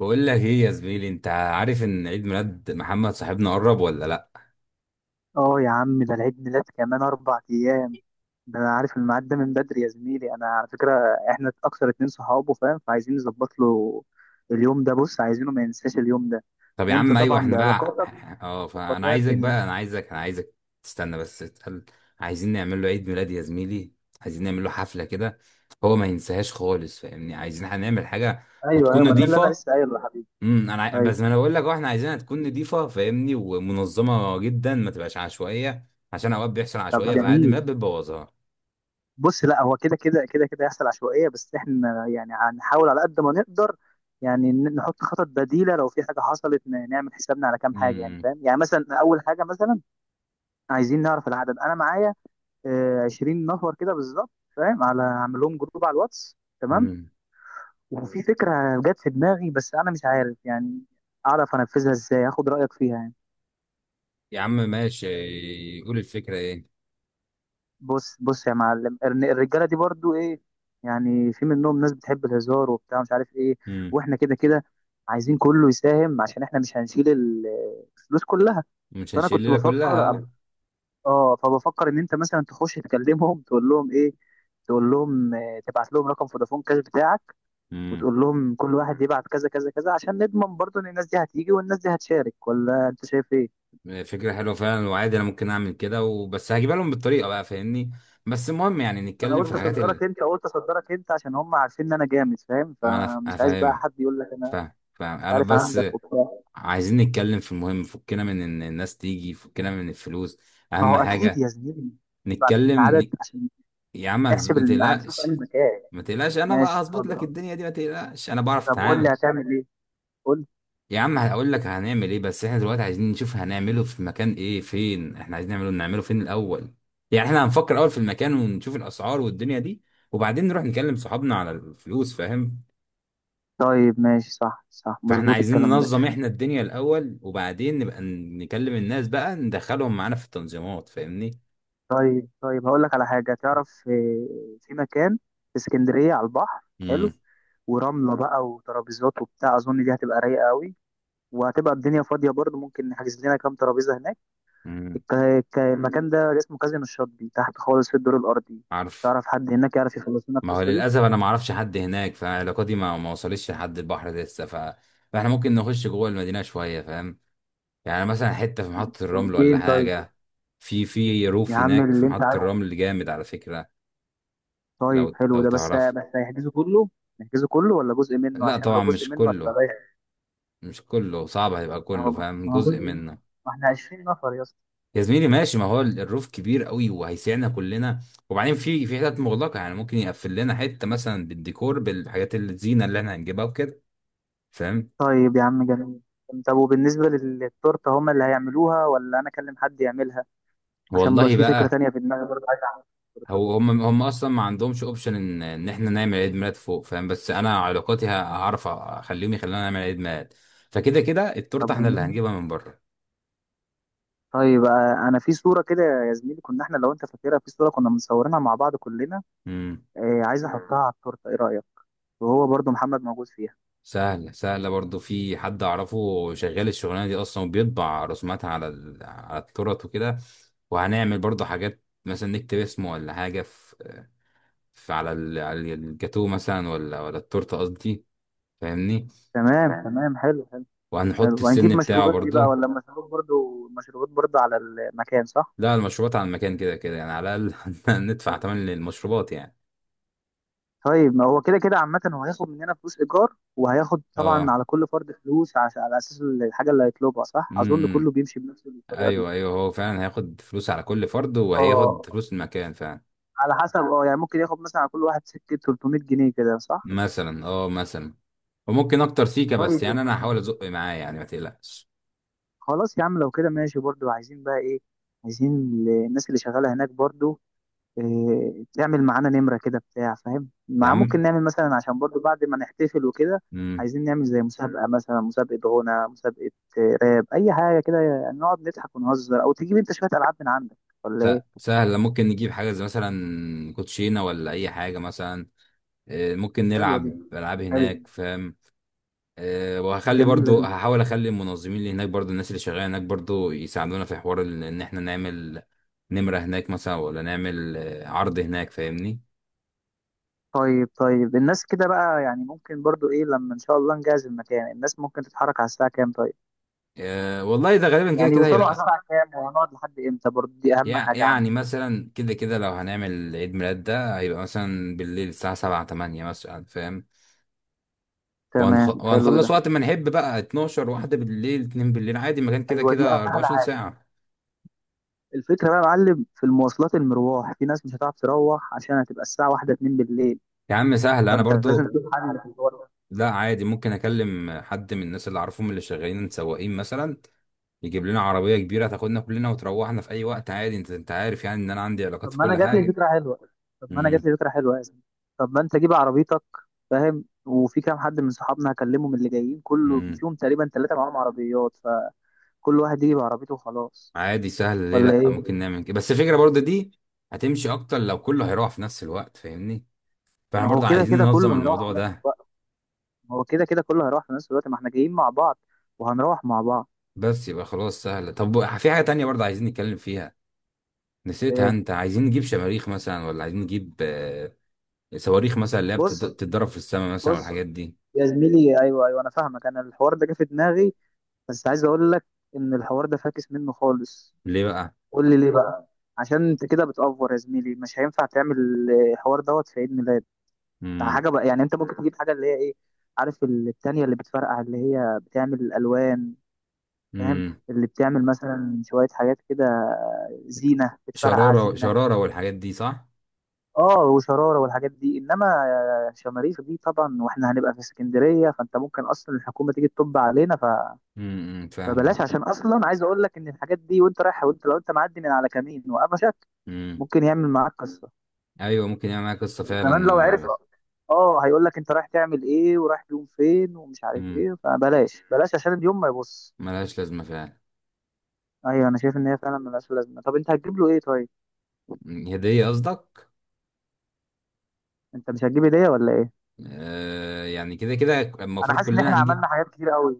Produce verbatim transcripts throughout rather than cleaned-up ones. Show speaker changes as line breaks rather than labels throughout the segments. بقول لك ايه يا زميلي؟ انت عارف ان عيد ميلاد محمد صاحبنا قرب ولا لا؟
اه يا عم، ده العيد ميلاد كمان اربع ايام. ده انا عارف الميعاد ده من بدري يا زميلي، انا على فكره. احنا اكثر اتنين صحابه، فاهم؟ فعايزين نظبط له اليوم ده. بص، عايزينه ما ينساش اليوم ده.
طب يا
وانت
عم ايوه
طبعا
احنا بقى.
بعلاقاتك
اه
ظبط
فانا
لنا
عايزك
الدنيا
بقى،
دي.
انا عايزك انا عايزك تستنى بس تقل. عايزين نعمل له عيد ميلاد يا زميلي، عايزين نعمل له حفلة كده، هو ما ينساهاش خالص، فاهمني؟ عايزين هنعمل حاجة
ايوه ايوه،
وتكون
ما ده اللي انا
نظيفة.
لسه قايله يا حبيبي.
امم انا عاي-
ايوه.
بس ما انا بقول لك اه احنا عايزينها تكون نظيفة، فاهمني؟ ومنظمة جدا، ما تبقاش عشوائية، عشان اوقات بيحصل
طب
عشوائية في عيد
جميل.
الميلاد بتبوظها.
بص، لا هو كده كده كده كده هيحصل عشوائيه، بس احنا يعني هنحاول على قد ما نقدر. يعني ن- نحط خطط بديله، لو في حاجه حصلت ن- نعمل حسابنا على كام حاجه، يعني
امم
فاهم، يعني مثلا اول حاجه مثلا، عايزين نعرف العدد. انا معايا آه، عشرين نفر كده بالظبط، فاهم؟ على اعمل لهم جروب على الواتس، تمام.
أمم.
وفي فكره جت في دماغي، بس انا مش عارف يعني اعرف انفذها ازاي، اخد رايك فيها يعني.
يا عم ماشي، قول الفكرة ايه؟
بص بص يا معلم، الر- الرجاله دي برضو ايه، يعني في منهم ناس بتحب الهزار وبتاع مش عارف ايه.
امم
واحنا كده كده عايزين كله يساهم، عشان احنا مش هنشيل ال- الفلوس كلها.
مش
فانا
هنشيل
كنت
الليله كلها،
بفكر أب...
اه.
اه فبفكر ان انت مثلا تخش تكلمهم، تقول لهم ايه، تقول لهم آه، تبعت لهم رقم فودافون كاش بتاعك، وتقول
امم
لهم كل واحد يبعت كذا كذا كذا، عشان نضمن برضو ان الناس دي هتيجي والناس دي هتشارك. ولا انت شايف ايه؟
فكره حلوه فعلا، وعادي انا ممكن اعمل كده، وبس هجيبها لهم بالطريقه بقى فاهمني. بس المهم يعني
ما انا
نتكلم في
قلت
الحاجات
اصدرك
اللي
انت قلت اصدرك انت، عشان هم عارفين ان انا جامد، فاهم؟
ما انا ف-
فمش عايز بقى
فاهمها.
حد يقول لك انا
فاهم فاهم
مش
انا
عارف
بس
عندك وبتاع.
عايزين نتكلم في المهم، فكنا من ان الناس تيجي، فكنا من الفلوس،
ما هو
اهم
اكيد
حاجه.
يا زميلي، بعتين
نتكلم
العدد
ن...
عشان
يا عم هتز-
نحسب
ما
الم... هنشوف
تقلقش،
انهي مكان.
ما تقلقش، انا بقى
ماشي،
هظبط لك
اتفضل.
الدنيا دي، ما تقلقش انا بعرف
طب قول لي
اتعامل.
هتعمل ايه. قول لي.
يا عم هقول لك هنعمل ايه، بس احنا دلوقتي عايزين نشوف هنعمله في مكان ايه، فين احنا عايزين نعمله نعمله فين الاول؟ يعني احنا هنفكر الاول في المكان ونشوف الاسعار والدنيا دي، وبعدين نروح نكلم صحابنا على الفلوس فاهم.
طيب، ماشي، صح صح،
فاحنا
مظبوط
عايزين
الكلام ده.
ننظم احنا الدنيا الاول، وبعدين نبقى ن- نكلم الناس بقى، ندخلهم معانا في التنظيمات فاهمني.
طيب طيب، هقول لك على حاجه. تعرف، آه، في مكان في اسكندريه على البحر
امم
حلو، ورمله بقى وترابيزات وبتاع، اظن دي هتبقى رايقه قوي، وهتبقى الدنيا فاضيه برضه. ممكن نحجز لنا كام ترابيزه هناك.
امم
الك- الك- المكان ده اسمه كازينو الشاطبي، تحت خالص في الدور الارضي.
عارف.
تعرف حد هناك يعرف يخلص لنا
ما هو
القصه دي؟
للاسف انا ما اعرفش حد هناك، فعلاقاتي ما ما وصلتش لحد البحر ده لسه. ف... فاحنا ممكن نخش جوه المدينة شوية فاهم، يعني مثلا حتة في محطة الرمل
ايه
ولا
طيب.
حاجة. في في
يا
روف
عم
هناك في
اللي انت
محطة
عايزه.
الرمل جامد على فكرة.
طيب
لو
حلو
لو
ده، بس
تعرفه.
بس هيحجزه كله؟ نحجزه كله ولا جزء منه،
لا
عشان
طبعا
لو جزء
مش
منه هتبقى
كله،
بايخ.
مش كله، صعب هيبقى
اه
كله
بقى،
فاهم،
ما هو
جزء
جزء منه.
منه.
ما احنا عشرين نفر يا اسطى.
يا زميلي ماشي، ما هو الروف كبير قوي، وهيسعنا كلنا. وبعدين في في حتت مغلقة، يعني ممكن يقفل لنا حتة مثلا بالديكور، بالحاجات الزينة اللي احنا هنجيبها وكده فاهم.
طيب يا عم، جميل. طب وبالنسبه للتورته، هما اللي هيعملوها ولا انا اكلم حد يعملها؟ عشان بقى
والله
في فكرة
بقى،
تانية في دماغي برضه عايز اعملها. الصورة.
هو هم هم اصلا ما عندهمش اوبشن ان ان احنا نعمل عيد ميلاد فوق فاهم، بس انا علاقاتي ه- هعرف اخليهم يخلونا نعمل عيد ميلاد. فكده كده التورته
طب
احنا اللي
تمام.
هنجيبها من بره.
طيب، آه، انا في صورة كده يا زميلي، كنا احنا لو انت فاكرها، في صورة كنا مصورينها مع بعض كلنا،
امم
آه، عايز مم. احطها على التورتة، ايه رأيك؟ وهو برضه محمد موجود فيها.
سهله سهله برضو، في حد اعرفه شغال الشغلانه دي اصلا، وبيطبع رسوماتها على ال- على التورت وكده. وهنعمل برضو حاجات، مثلا نكتب اسمه ولا حاجه في، في على ال- على الجاتوه مثلا، ولا ولا التورته قصدي فاهمني.
تمام تمام تمام، حلو حلو.
وهنحط
حلو، هنجيب
السن بتاعه
مشروبات ايه
برضو.
بقى؟ ولا مشروب برضه، مشروبات برضه على المكان، صح؟
لا المشروبات على المكان كده كده يعني، على الاقل ندفع
طيب.
تمن للمشروبات يعني.
طيب، ما هو كده كده عامة هو هياخد مننا فلوس إيجار، وهياخد طبعا
اه.
على كل فرد فلوس، عشان على أساس الحاجة اللي هيطلبها، صح؟ أظن
امم
كله
إمم.
بيمشي بنفس الطريقة دي.
ايوه ايوه، هو فعلا هياخد فلوس على كل فرد، وهياخد
اه،
فلوس المكان فعلا.
على حسب، اه يعني ممكن ياخد مثلا على كل واحد سكة تلت ميت جنيه كده، صح؟
مثلا اه، مثلا. وممكن اكتر سيكه، بس
طيب،
يعني انا هحاول ازق معاه يعني، ما تقلقش.
خلاص يا عم، لو كده ماشي برضو. عايزين بقى ايه؟ عايزين ال- الناس اللي شغالة هناك برضو، إيه، تعمل معانا نمرة كده بتاع، فاهم؟
يا
مع ممكن
عم
نعمل مثلا، عشان برضو بعد ما نحتفل وكده
امم
عايزين نعمل زي مسابقة، مثلا مسابقة غنى، مسابقة آه، راب، أي حاجة كده، يعني نقعد نضحك ونهزر، أو تجيب أنت شوية ألعاب من عندك. ولا إيه؟
سهل، ممكن نجيب حاجه زي مثلا كوتشينه ولا اي حاجه مثلا. آه، ممكن
حلوة دي.
نلعب العاب
حلو.
هناك فاهم. آه، وهخلي
جميلة
برضو،
دي.
هحاول اخلي المنظمين اللي هناك برضو، الناس اللي شغاله هناك برضو، يساعدونا في حوار ال- ان احنا نعمل نمره هناك مثلا، ولا نعمل آه، عرض هناك فاهمني.
طيب طيب، الناس كده بقى يعني ممكن برضو ايه، لما ان شاء الله نجهز المكان، الناس ممكن تتحرك على الساعة كام طيب؟
أه والله، ده غالبا كده
يعني
كده
يوصلوا على
هيبقى.
الساعة كام، وهنقعد لحد امتى، برضو دي اهم
يع-
حاجة عندي.
يعني مثلا كده كده لو هنعمل عيد ميلاد ده، هيبقى مثلا بالليل الساعه سبعة تمانية مثلا فاهم. وهنخ...
تمام، حلو ده.
وهنخلص وقت ما نحب بقى، اتناشر واحدة بالليل، اتنين بالليل عادي، المكان كده
ايوه، دي
كده
احلى
اربعة وعشرين
حاجة.
ساعة.
الفكرة بقى يا معلم، في المواصلات، المرواح، في ناس مش هتعرف تروح، عشان هتبقى الساعة واحدة اتنين بالليل.
يا عم سهل انا
فانت لازم
برضو.
تشوف حل في الحوار ده.
لا عادي، ممكن اكلم حد من الناس اللي اعرفهم اللي شغالين سواقين مثلا، يجيب لنا عربية كبيرة تاخدنا كلنا وتروحنا في اي وقت عادي. انت انت عارف يعني ان انا عندي علاقات
طب
في
ما انا
كل
جات لي
حاجة.
فكرة حلوة طب ما انا جات
امم
لي فكرة حلوة يا زلمة. طب ما انت جيب عربيتك، فاهم؟ وفي كام حد من صحابنا هكلمهم، اللي جايين كله،
امم
فيهم تقريبا ثلاثة معاهم عربيات. كل واحد يجي بعربيته وخلاص.
عادي سهل، ليه
ولا
لا،
ايه؟
ممكن نعمل كده، بس الفكرة برضه دي هتمشي اكتر لو كله هيروح في نفس الوقت فاهمني. فاحنا
ما هو
برضه
كده
عايزين
كده
ننظم
كله هيروح
الموضوع
في نفس
ده.
الوقت ما هو كده كده كله هيروح في نفس الوقت، ما احنا جايين مع بعض وهنروح مع بعض.
بس يبقى خلاص سهل. طب في حاجة تانية برضه عايزين نتكلم فيها نسيتها،
ايه.
انت عايزين نجيب شماريخ مثلا، ولا عايزين نجيب آه، صواريخ مثلا، اللي هي بتض-
بص
بتتضرب في السماء مثلا
بص
والحاجات دي.
يا زميلي، ايوه ايوه انا فاهمك، انا الحوار ده جه في دماغي، بس عايز اقول لك ان الحوار ده فاكس منه خالص.
ليه بقى؟
قول لي ليه بقى. عشان انت كده بتأفور يا زميلي، مش هينفع تعمل الحوار دوت في عيد ميلاد. ده
امم
حاجه بقى، يعني انت ممكن تجيب حاجه اللي هي ايه، عارف التانية اللي بتفرقع اللي هي بتعمل الألوان، فاهم؟
امم
اللي بتعمل مثلا شوية حاجات كده، زينة بتفرقع
شرارة
زينة.
شرارة والحاجات دي صح؟
اه، وشرارة والحاجات دي، انما شماريخ دي طبعا، واحنا هنبقى في اسكندرية فانت ممكن اصلا الحكومة تيجي تطب علينا ف...
امم فاهمك.
فبلاش، عشان اصلا عايز اقول لك ان الحاجات دي، وانت رايح، وانت لو انت معدي من على كمين وقفشك
امم
ممكن يعمل معاك قصة.
ايوه ممكن يعمل معايا قصة
وكمان
فعلا.
لو عرف،
و
اه هيقول لك انت رايح تعمل ايه ورايح يوم فين ومش عارف
امم
ايه، فبلاش بلاش عشان اليوم ما يبص.
ملهاش لازمة فعلا.
ايوه، انا شايف ان هي فعلا ملهاش لازمه. طب انت هتجيب له ايه طيب؟
مم. هدية قصدك؟
انت مش هتجيب هديه ولا ايه؟
آه يعني كده كده
انا
المفروض
حاسس ان
كلنا
احنا
هنجيب.
عملنا حاجات كتير قوي،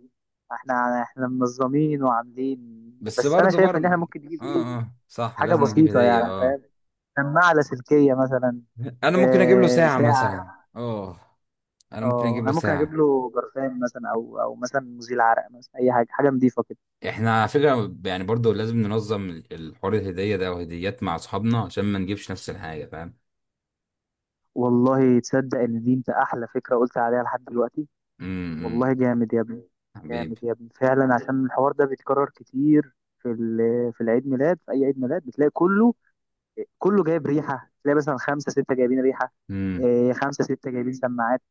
احنا احنا منظمين وعاملين،
بس
بس انا
برضه
شايف ان
برضه
احنا ممكن
اه
نجيب ايه،
اه صح،
حاجه
لازم نجيب
بسيطه
هدية
يعني،
اه.
فاهم؟ سماعه لاسلكيه مثلا.
انا ممكن اجيب له
آه
ساعة مثلا
ساعه.
اه، انا ممكن
اه،
اجيب له
انا ممكن اجيب
ساعة.
له برفان مثلا، او او مثلا مزيل عرق مثلا، اي حاجه حاجه نظيفه كده.
احنا على فكرة يعني، برضه لازم ننظم الحوار، الهدية ده وهديات مع اصحابنا عشان ما نجيبش نفس الحاجة فاهم؟
والله تصدق ان دي انت احلى فكره قلت عليها لحد دلوقتي. والله
امم
جامد يا ابني.
حبيبي.
جامد يا ابني فعلا، عشان الحوار ده بيتكرر كتير، في ال- في العيد ميلاد، في اي عيد ميلاد بتلاقي كله، كله جايب ريحه، تلاقي مثلا خمسه سته جايبين ريحه،
امم
إيه، خمسه سته جايبين سماعات،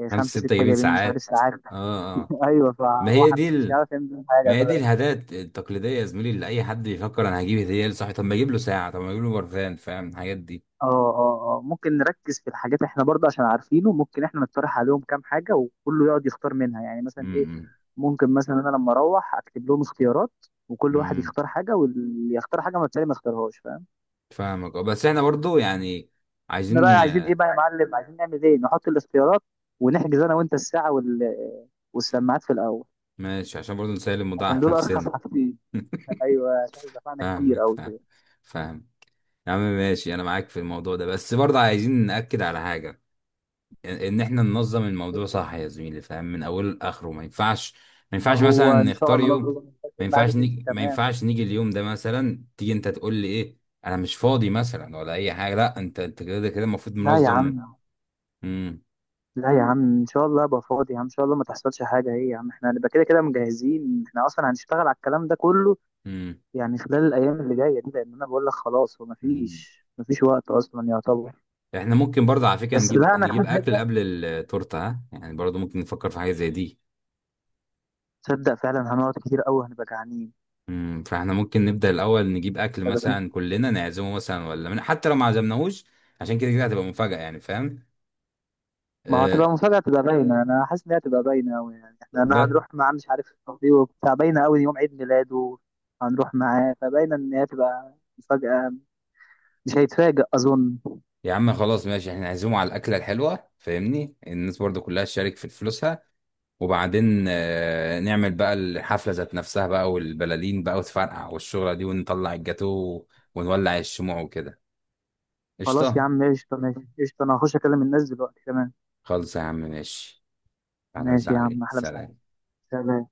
إيه،
خمس
خمسه
ست
سته
جايبين
جايبين مش عارف
ساعات.
ساعات.
اه اه.
ايوه،
ما
فهو
هي دي
حرفيا مش
ال...
عارف يعمل بيهم
ما
حاجه.
هي دي الهدايا التقليديه يا زميلي، اللي اي حد بيفكر انا هجيب هديه لصاحبي، طب ما اجيب له ساعه، طب ما اجيب له برفان فاهم، الحاجات دي.
اه اه اه، ممكن نركز في الحاجات احنا برضه، عشان عارفينه ممكن احنا نقترح عليهم كام حاجه وكله يقعد يختار منها، يعني مثلا ايه،
امم
ممكن مثلا انا لما اروح اكتب لهم اختيارات، وكل واحد
امم
يختار حاجه، واللي يختار حاجه ما التاني ما يختارهاش، فاهم؟
فاهمك اه، بس احنا برضو يعني
احنا
عايزين
بقى عايزين ايه
آه،
بقى يا معلم، عايزين نعمل ايه، نحط الاختيارات ونحجز انا وانت الساعه وال... والسماعات في الاول،
ماشي، عشان برضو نسلم الموضوع على
عشان دول ارخص
نفسنا.
حاجتين. ايوه، عشان دفعنا كتير
فاهمك
قوي
فاهم
كده.
فاهم يا عم ماشي انا معاك في الموضوع ده، بس برضه عايزين ناكد على حاجه، ان احنا ننظم الموضوع صح يا زميلي فاهم، من اوله لاخره. ما ينفعش، ما
ما
ينفعش مثلا
هو ان شاء
نختار
الله
يوم.
باذن الله
ما
كل حاجه
ينفعش
تمشي
نيجي ما
تمام.
ينفعش نيجي اليوم ده مثلا، تيجي انت تقول لي ايه انا مش فاضي مثلا ولا اي حاجه، لا انت انت كده كده المفروض
لا يا
منظم.
عم.
امم
لا يا عم، ان شاء الله ابقى فاضي يا عم، ان شاء الله ما تحصلش حاجه. ايه يا عم، احنا هنبقى كده كده مجهزين، احنا اصلا هنشتغل على الكلام ده كله،
امم
يعني خلال الايام اللي جايه دي، لان انا بقول لك خلاص وما
أمم.
فيش ما فيش وقت اصلا يعتبر.
احنا ممكن برضه على فكره
بس
نجيب
لا، انا
نجيب
في
اكل
حاجه،
قبل التورته، ها يعني برضه ممكن نفكر في حاجه زي دي.
تصدق فعلا هنقعد كتير قوي هنبقى جعانين.
امم فاحنا ممكن نبدا الاول نجيب اكل مثلا، كلنا نعزمه مثلا، ولا من حتى لو ما عزمناهوش، عشان كده كده هتبقى مفاجاه يعني فاهم.
ما
أه.
هتبقى مفاجأة، تبقى باينة. أنا حاسس إن هي هتبقى باينة أوي، يعني إحنا أنا
ب-
هنروح معاه مش عارف، دي وبتاع، باينة أوي يوم عيد ميلاده، هنروح معاه فباينة إن هي تبقى مفاجأة، مش هيتفاجأ أظن.
يا عم خلاص ماشي، احنا نعزمه على الأكلة الحلوة فاهمني، الناس برضو كلها تشارك في فلوسها، وبعدين آه، نعمل بقى الحفلة ذات نفسها بقى، والبلالين بقى وتفرقع والشغلة دي، ونطلع الجاتو ونولع الشموع وكده.
خلاص يا
قشطة.
عم، قشطة، ماشي، قشطة، أنا هخش أكلم الناس دلوقتي كمان.
خالص يا عم ماشي. أهلا
ماشي
وسهلا
يا
عليك،
عم، أحلى مساعدة.
سلام.
سلام.